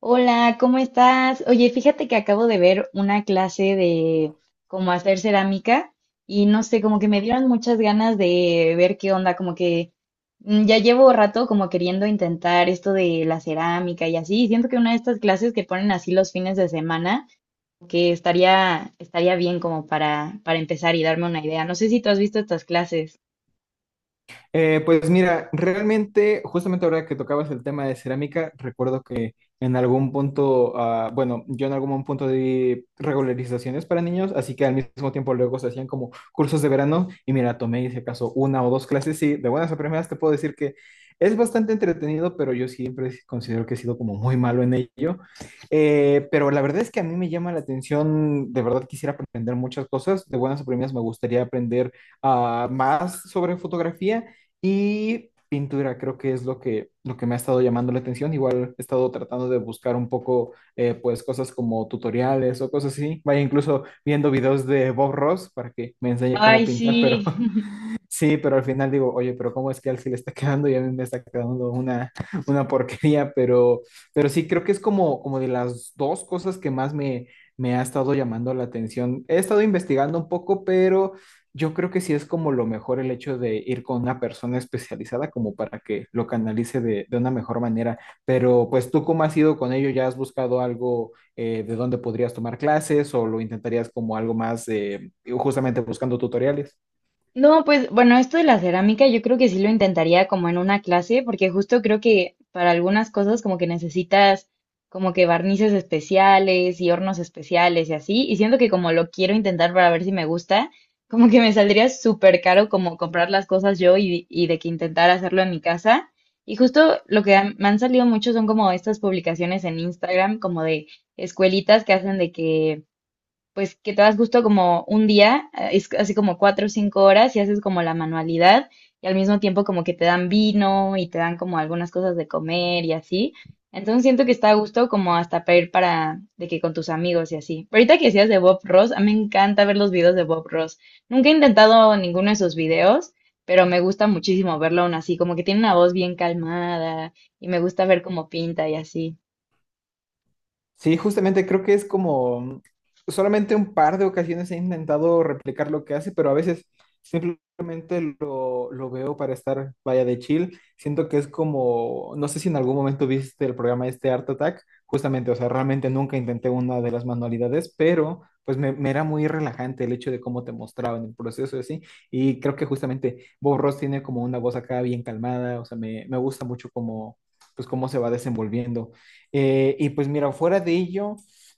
Hola, ¿cómo estás? Oye, fíjate que acabo de ver una clase de cómo hacer cerámica y no sé, como que me dieron muchas ganas de ver qué onda, como que ya llevo rato como queriendo intentar esto de la cerámica y así, y siento que una de estas clases que ponen así los fines de semana, que estaría bien como para empezar y darme una idea. No sé si tú has visto estas clases. Pues mira, realmente, justamente ahora que tocabas el tema de cerámica, recuerdo que en algún punto, bueno, yo en algún punto di regularizaciones para niños, así que al mismo tiempo luego se hacían como cursos de verano y mira, hice acaso, una o dos clases y de buenas a primeras te puedo decir que es bastante entretenido, pero yo siempre considero que he sido como muy malo en ello. Pero la verdad es que a mí me llama la atención, de verdad quisiera aprender muchas cosas, de buenas a primeras me gustaría aprender más sobre fotografía. Y pintura creo que es lo que me ha estado llamando la atención. Igual he estado tratando de buscar un poco, pues, cosas como tutoriales o cosas así. Vaya, incluso viendo videos de Bob Ross para que me enseñe cómo Ay, pintar, pero sí. sí, pero al final digo, oye, pero ¿cómo es que a él sí le está quedando y a mí me está quedando una porquería? Pero sí, creo que es como de las dos cosas que más me ha estado llamando la atención. He estado investigando un poco, pero yo creo que sí es como lo mejor el hecho de ir con una persona especializada como para que lo canalice de una mejor manera. Pero pues tú, ¿cómo has ido con ello? ¿Ya has buscado algo, de donde podrías tomar clases o lo intentarías como algo más, justamente buscando tutoriales? No, pues bueno, esto de la cerámica yo creo que sí lo intentaría como en una clase, porque justo creo que para algunas cosas como que necesitas como que barnices especiales y hornos especiales y así, y siento que como lo quiero intentar para ver si me gusta, como que me saldría súper caro como comprar las cosas yo y de que intentar hacerlo en mi casa. Y justo lo que me han salido mucho son como estas publicaciones en Instagram, como de escuelitas que hacen de que pues que te das justo como un día, es así como 4 o 5 horas y haces como la manualidad y al mismo tiempo como que te dan vino y te dan como algunas cosas de comer y así. Entonces siento que está a gusto como hasta para ir para de que con tus amigos y así. Pero ahorita que decías de Bob Ross, a mí me encanta ver los videos de Bob Ross. Nunca he intentado ninguno de sus videos, pero me gusta muchísimo verlo aún así, como que tiene una voz bien calmada y me gusta ver cómo pinta y así. Sí, justamente creo que es como solamente un par de ocasiones he intentado replicar lo que hace, pero a veces simplemente lo veo para estar, vaya, de chill. Siento que es como, no sé si en algún momento viste el programa este Art Attack, justamente, o sea, realmente nunca intenté una de las manualidades, pero pues me era muy relajante el hecho de cómo te mostraban el proceso y así. Y creo que justamente Bob Ross tiene como una voz acá bien calmada, o sea, me gusta mucho como pues cómo se va desenvolviendo. Y pues mira, fuera de ello,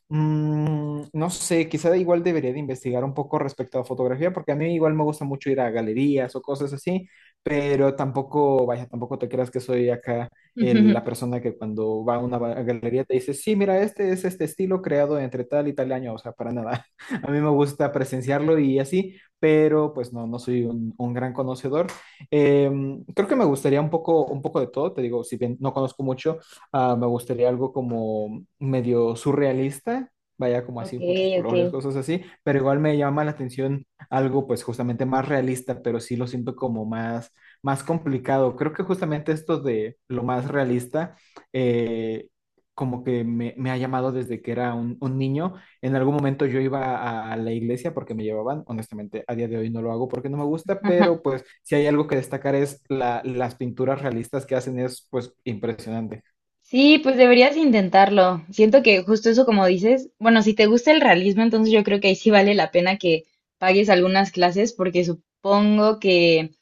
no sé, quizá igual debería de investigar un poco respecto a fotografía, porque a mí igual me gusta mucho ir a galerías o cosas así, pero tampoco, vaya, tampoco te creas que soy acá la persona que cuando va a una galería te dice, sí, mira, este es este estilo creado entre tal y tal año, o sea, para nada. A mí me gusta presenciarlo y así, pero pues no, no soy un gran conocedor. Creo que me gustaría un poco de todo, te digo, si bien no conozco mucho. Me gustaría algo como medio surrealista, vaya como Ok, así, muchos ok. colores, cosas así, pero igual me llama la atención algo pues justamente más realista, pero sí lo siento como más complicado. Creo que justamente esto de lo más realista, eh, como que me ha llamado desde que era un niño. En algún momento yo iba a la iglesia porque me llevaban, honestamente a día de hoy no lo hago porque no me gusta, pero pues si hay algo que destacar es las pinturas realistas que hacen es pues impresionante. Sí, pues deberías intentarlo. Siento que justo eso como dices, bueno, si te gusta el realismo, entonces yo creo que ahí sí vale la pena que pagues algunas clases porque supongo que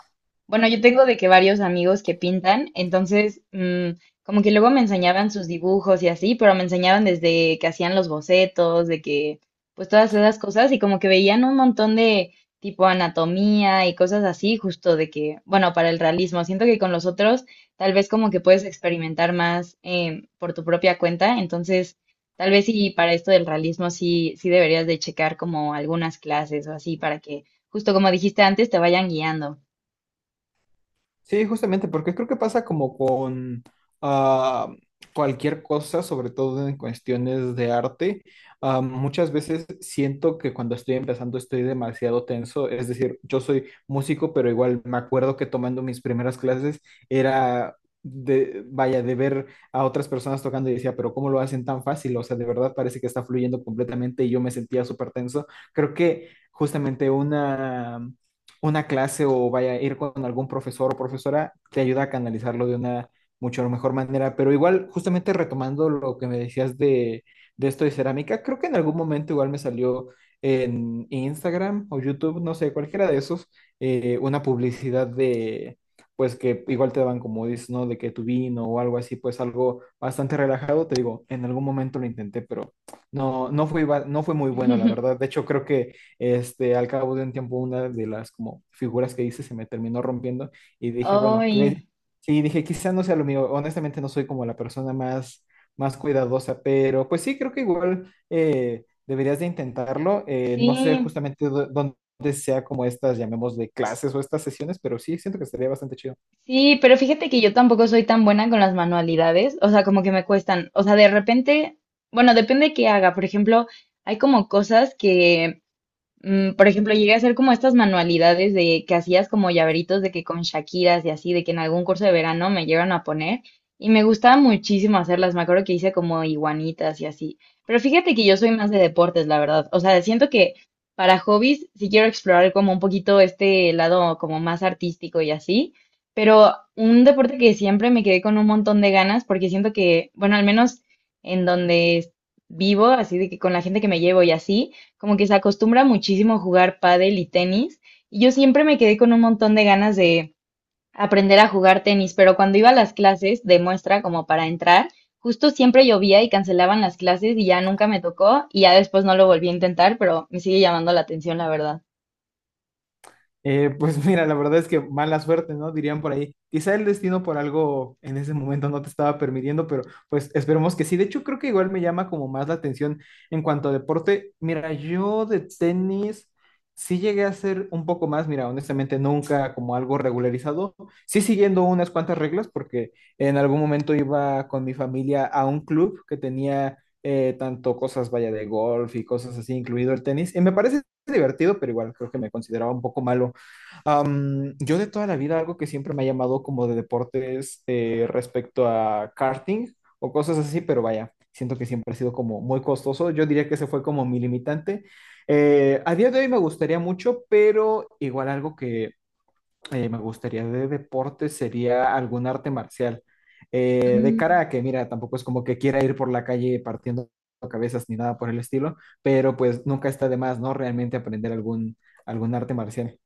bueno, yo tengo de que varios amigos que pintan, entonces como que luego me enseñaban sus dibujos y así, pero me enseñaban desde que hacían los bocetos, de que pues todas esas cosas y como que veían un montón de tipo anatomía y cosas así, justo de que, bueno, para el realismo, siento que con los otros tal vez como que puedes experimentar más por tu propia cuenta, entonces tal vez sí para esto del realismo sí, sí deberías de checar como algunas clases o así para que justo como dijiste antes te vayan guiando. Sí, justamente, porque creo que pasa como con ah, cualquier cosa, sobre todo en cuestiones de arte. Muchas veces siento que cuando estoy empezando estoy demasiado tenso, es decir, yo soy músico, pero igual me acuerdo que tomando mis primeras clases era de, vaya, de ver a otras personas tocando y decía, pero ¿cómo lo hacen tan fácil? O sea, de verdad parece que está fluyendo completamente y yo me sentía súper tenso. Creo que justamente una clase o vaya a ir con algún profesor o profesora, te ayuda a canalizarlo de una mucho mejor manera. Pero igual, justamente retomando lo que me decías de esto de cerámica, creo que en algún momento igual me salió en Instagram o YouTube, no sé, cualquiera de esos, una publicidad de, pues que igual te daban como dices, ¿no? De que tu vino o algo así, pues algo bastante relajado. Te digo, en algún momento lo intenté, pero no fue muy bueno, la verdad. De hecho, creo que al cabo de un tiempo, una de las como figuras que hice se me terminó rompiendo y dije, bueno, Ay, sí, dije, quizá no sea lo mío. Honestamente, no soy como la persona más cuidadosa, pero pues sí, creo que igual, deberías de intentarlo. Sí, No sé justamente dónde sea como estas, llamemos de clases o estas sesiones, pero sí, siento que estaría bastante chido. sí, pero fíjate que yo tampoco soy tan buena con las manualidades, o sea, como que me cuestan, o sea, de repente, bueno, depende qué haga, por ejemplo, hay como cosas que por ejemplo, llegué a hacer como estas manualidades de que hacías como llaveritos de que con Shakiras y así, de que en algún curso de verano me llevan a poner y me gustaba muchísimo hacerlas. Me acuerdo que hice como iguanitas y así. Pero fíjate que yo soy más de deportes, la verdad. O sea, siento que para hobbies sí quiero explorar como un poquito este lado como más artístico y así. Pero un deporte que siempre me quedé con un montón de ganas porque siento que, bueno, al menos en donde vivo, así de que con la gente que me llevo y así como que se acostumbra muchísimo a jugar pádel y tenis, y yo siempre me quedé con un montón de ganas de aprender a jugar tenis, pero cuando iba a las clases de muestra como para entrar, justo siempre llovía y cancelaban las clases y ya nunca me tocó y ya después no lo volví a intentar, pero me sigue llamando la atención, la verdad. Pues mira, la verdad es que mala suerte, ¿no? Dirían por ahí. Quizá el destino por algo en ese momento no te estaba permitiendo, pero pues esperemos que sí. De hecho, creo que igual me llama como más la atención en cuanto a deporte. Mira, yo de tenis sí llegué a hacer un poco más, mira, honestamente nunca como algo regularizado. Sí siguiendo unas cuantas reglas, porque en algún momento iba con mi familia a un club que tenía, tanto cosas, vaya, de golf y cosas así, incluido el tenis. Y me parece divertido, pero igual creo que me consideraba un poco malo. Yo de toda la vida algo que siempre me ha llamado como de deportes, respecto a karting o cosas así, pero vaya, siento que siempre ha sido como muy costoso. Yo diría que ese fue como mi limitante. A día de hoy me gustaría mucho, pero igual algo que, me gustaría de deporte sería algún arte marcial. De cara a que, mira, tampoco es como que quiera ir por la calle partiendo cabezas ni nada por el estilo, pero pues nunca está de más, ¿no? Realmente aprender algún arte marcial.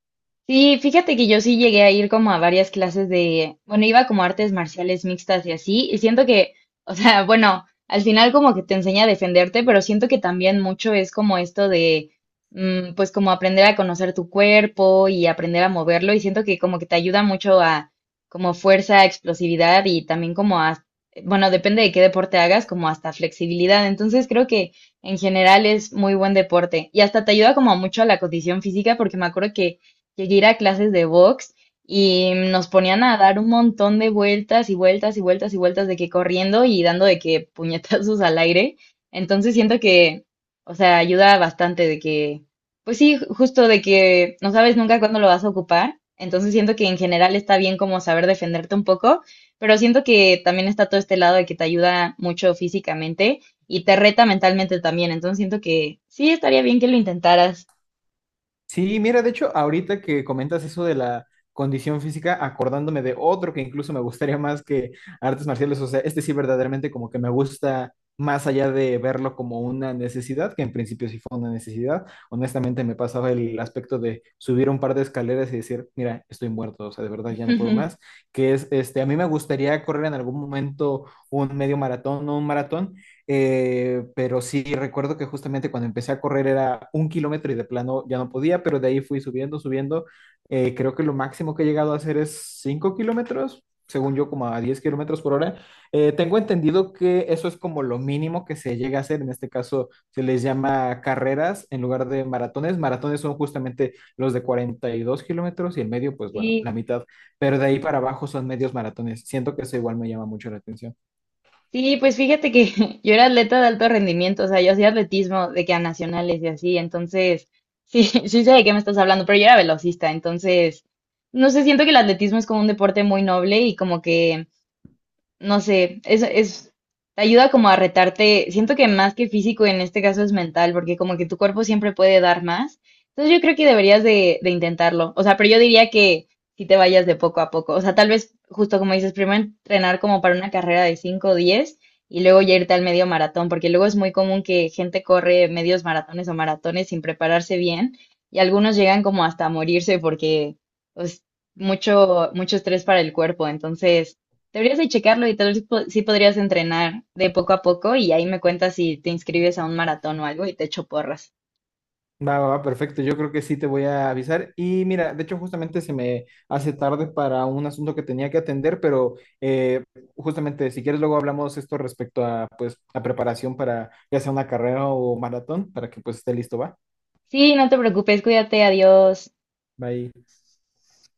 Sí, fíjate que yo sí llegué a ir como a varias clases de, bueno, iba como a artes marciales mixtas y así, y siento que, o sea, bueno, al final como que te enseña a defenderte, pero siento que también mucho es como esto de, pues como aprender a conocer tu cuerpo y aprender a moverlo, y siento que como que te ayuda mucho a como fuerza, explosividad y también como a, bueno, depende de qué deporte hagas, como hasta flexibilidad, entonces creo que en general es muy buen deporte y hasta te ayuda como mucho a la condición física, porque me acuerdo que llegué a ir a clases de box y nos ponían a dar un montón de vueltas y vueltas y vueltas y vueltas de que corriendo y dando de que puñetazos al aire. Entonces siento que, o sea, ayuda bastante de que, pues sí, justo de que no sabes nunca cuándo lo vas a ocupar. Entonces siento que en general está bien como saber defenderte un poco, pero siento que también está todo este lado de que te ayuda mucho físicamente y te reta mentalmente también. Entonces siento que sí estaría bien que lo intentaras. Sí, mira, de hecho, ahorita que comentas eso de la condición física, acordándome de otro que incluso me gustaría más que artes marciales, o sea, este sí verdaderamente como que me gusta más allá de verlo como una necesidad, que en principio sí fue una necesidad, honestamente me pasaba el aspecto de subir un par de escaleras y decir, mira, estoy muerto, o sea, de verdad ya no puedo más, que es, a mí me gustaría correr en algún momento un medio maratón o un maratón, pero sí, recuerdo que justamente cuando empecé a correr era 1 kilómetro y de plano ya no podía, pero de ahí fui subiendo, subiendo. Creo que lo máximo que he llegado a hacer es 5 kilómetros, según yo, como a 10 kilómetros por hora. Tengo entendido que eso es como lo mínimo que se llega a hacer. En este caso se les llama carreras en lugar de maratones. Maratones son justamente los de 42 kilómetros y el medio, pues bueno, la Sí, mitad. Pero de ahí para abajo son medios maratones. Siento que eso igual me llama mucho la atención. Sí, pues fíjate que yo era atleta de alto rendimiento, o sea, yo hacía atletismo de que a nacionales y así, entonces sí, sí sé de qué me estás hablando, pero yo era velocista, entonces no sé, siento que el atletismo es como un deporte muy noble y como que no sé, es, te ayuda como a retarte, siento que más que físico en este caso es mental, porque como que tu cuerpo siempre puede dar más. Entonces yo creo que deberías de intentarlo. O sea, pero yo diría que si te vayas de poco a poco. O sea, tal vez justo como dices, primero entrenar como para una carrera de cinco o 10 y luego ya irte al medio maratón, porque luego es muy común que gente corre medios maratones o maratones sin prepararse bien y algunos llegan como hasta a morirse porque pues mucho mucho estrés para el cuerpo. Entonces, deberías de checarlo y tal vez sí podrías entrenar de poco a poco y ahí me cuentas si te inscribes a un maratón o algo y te echo porras. Va, va, va, perfecto. Yo creo que sí te voy a avisar. Y mira, de hecho, justamente se me hace tarde para un asunto que tenía que atender, pero, justamente si quieres luego hablamos esto respecto a pues la preparación para ya sea una carrera o maratón, para que pues esté listo, va. Sí, no te preocupes, cuídate, adiós. Bye.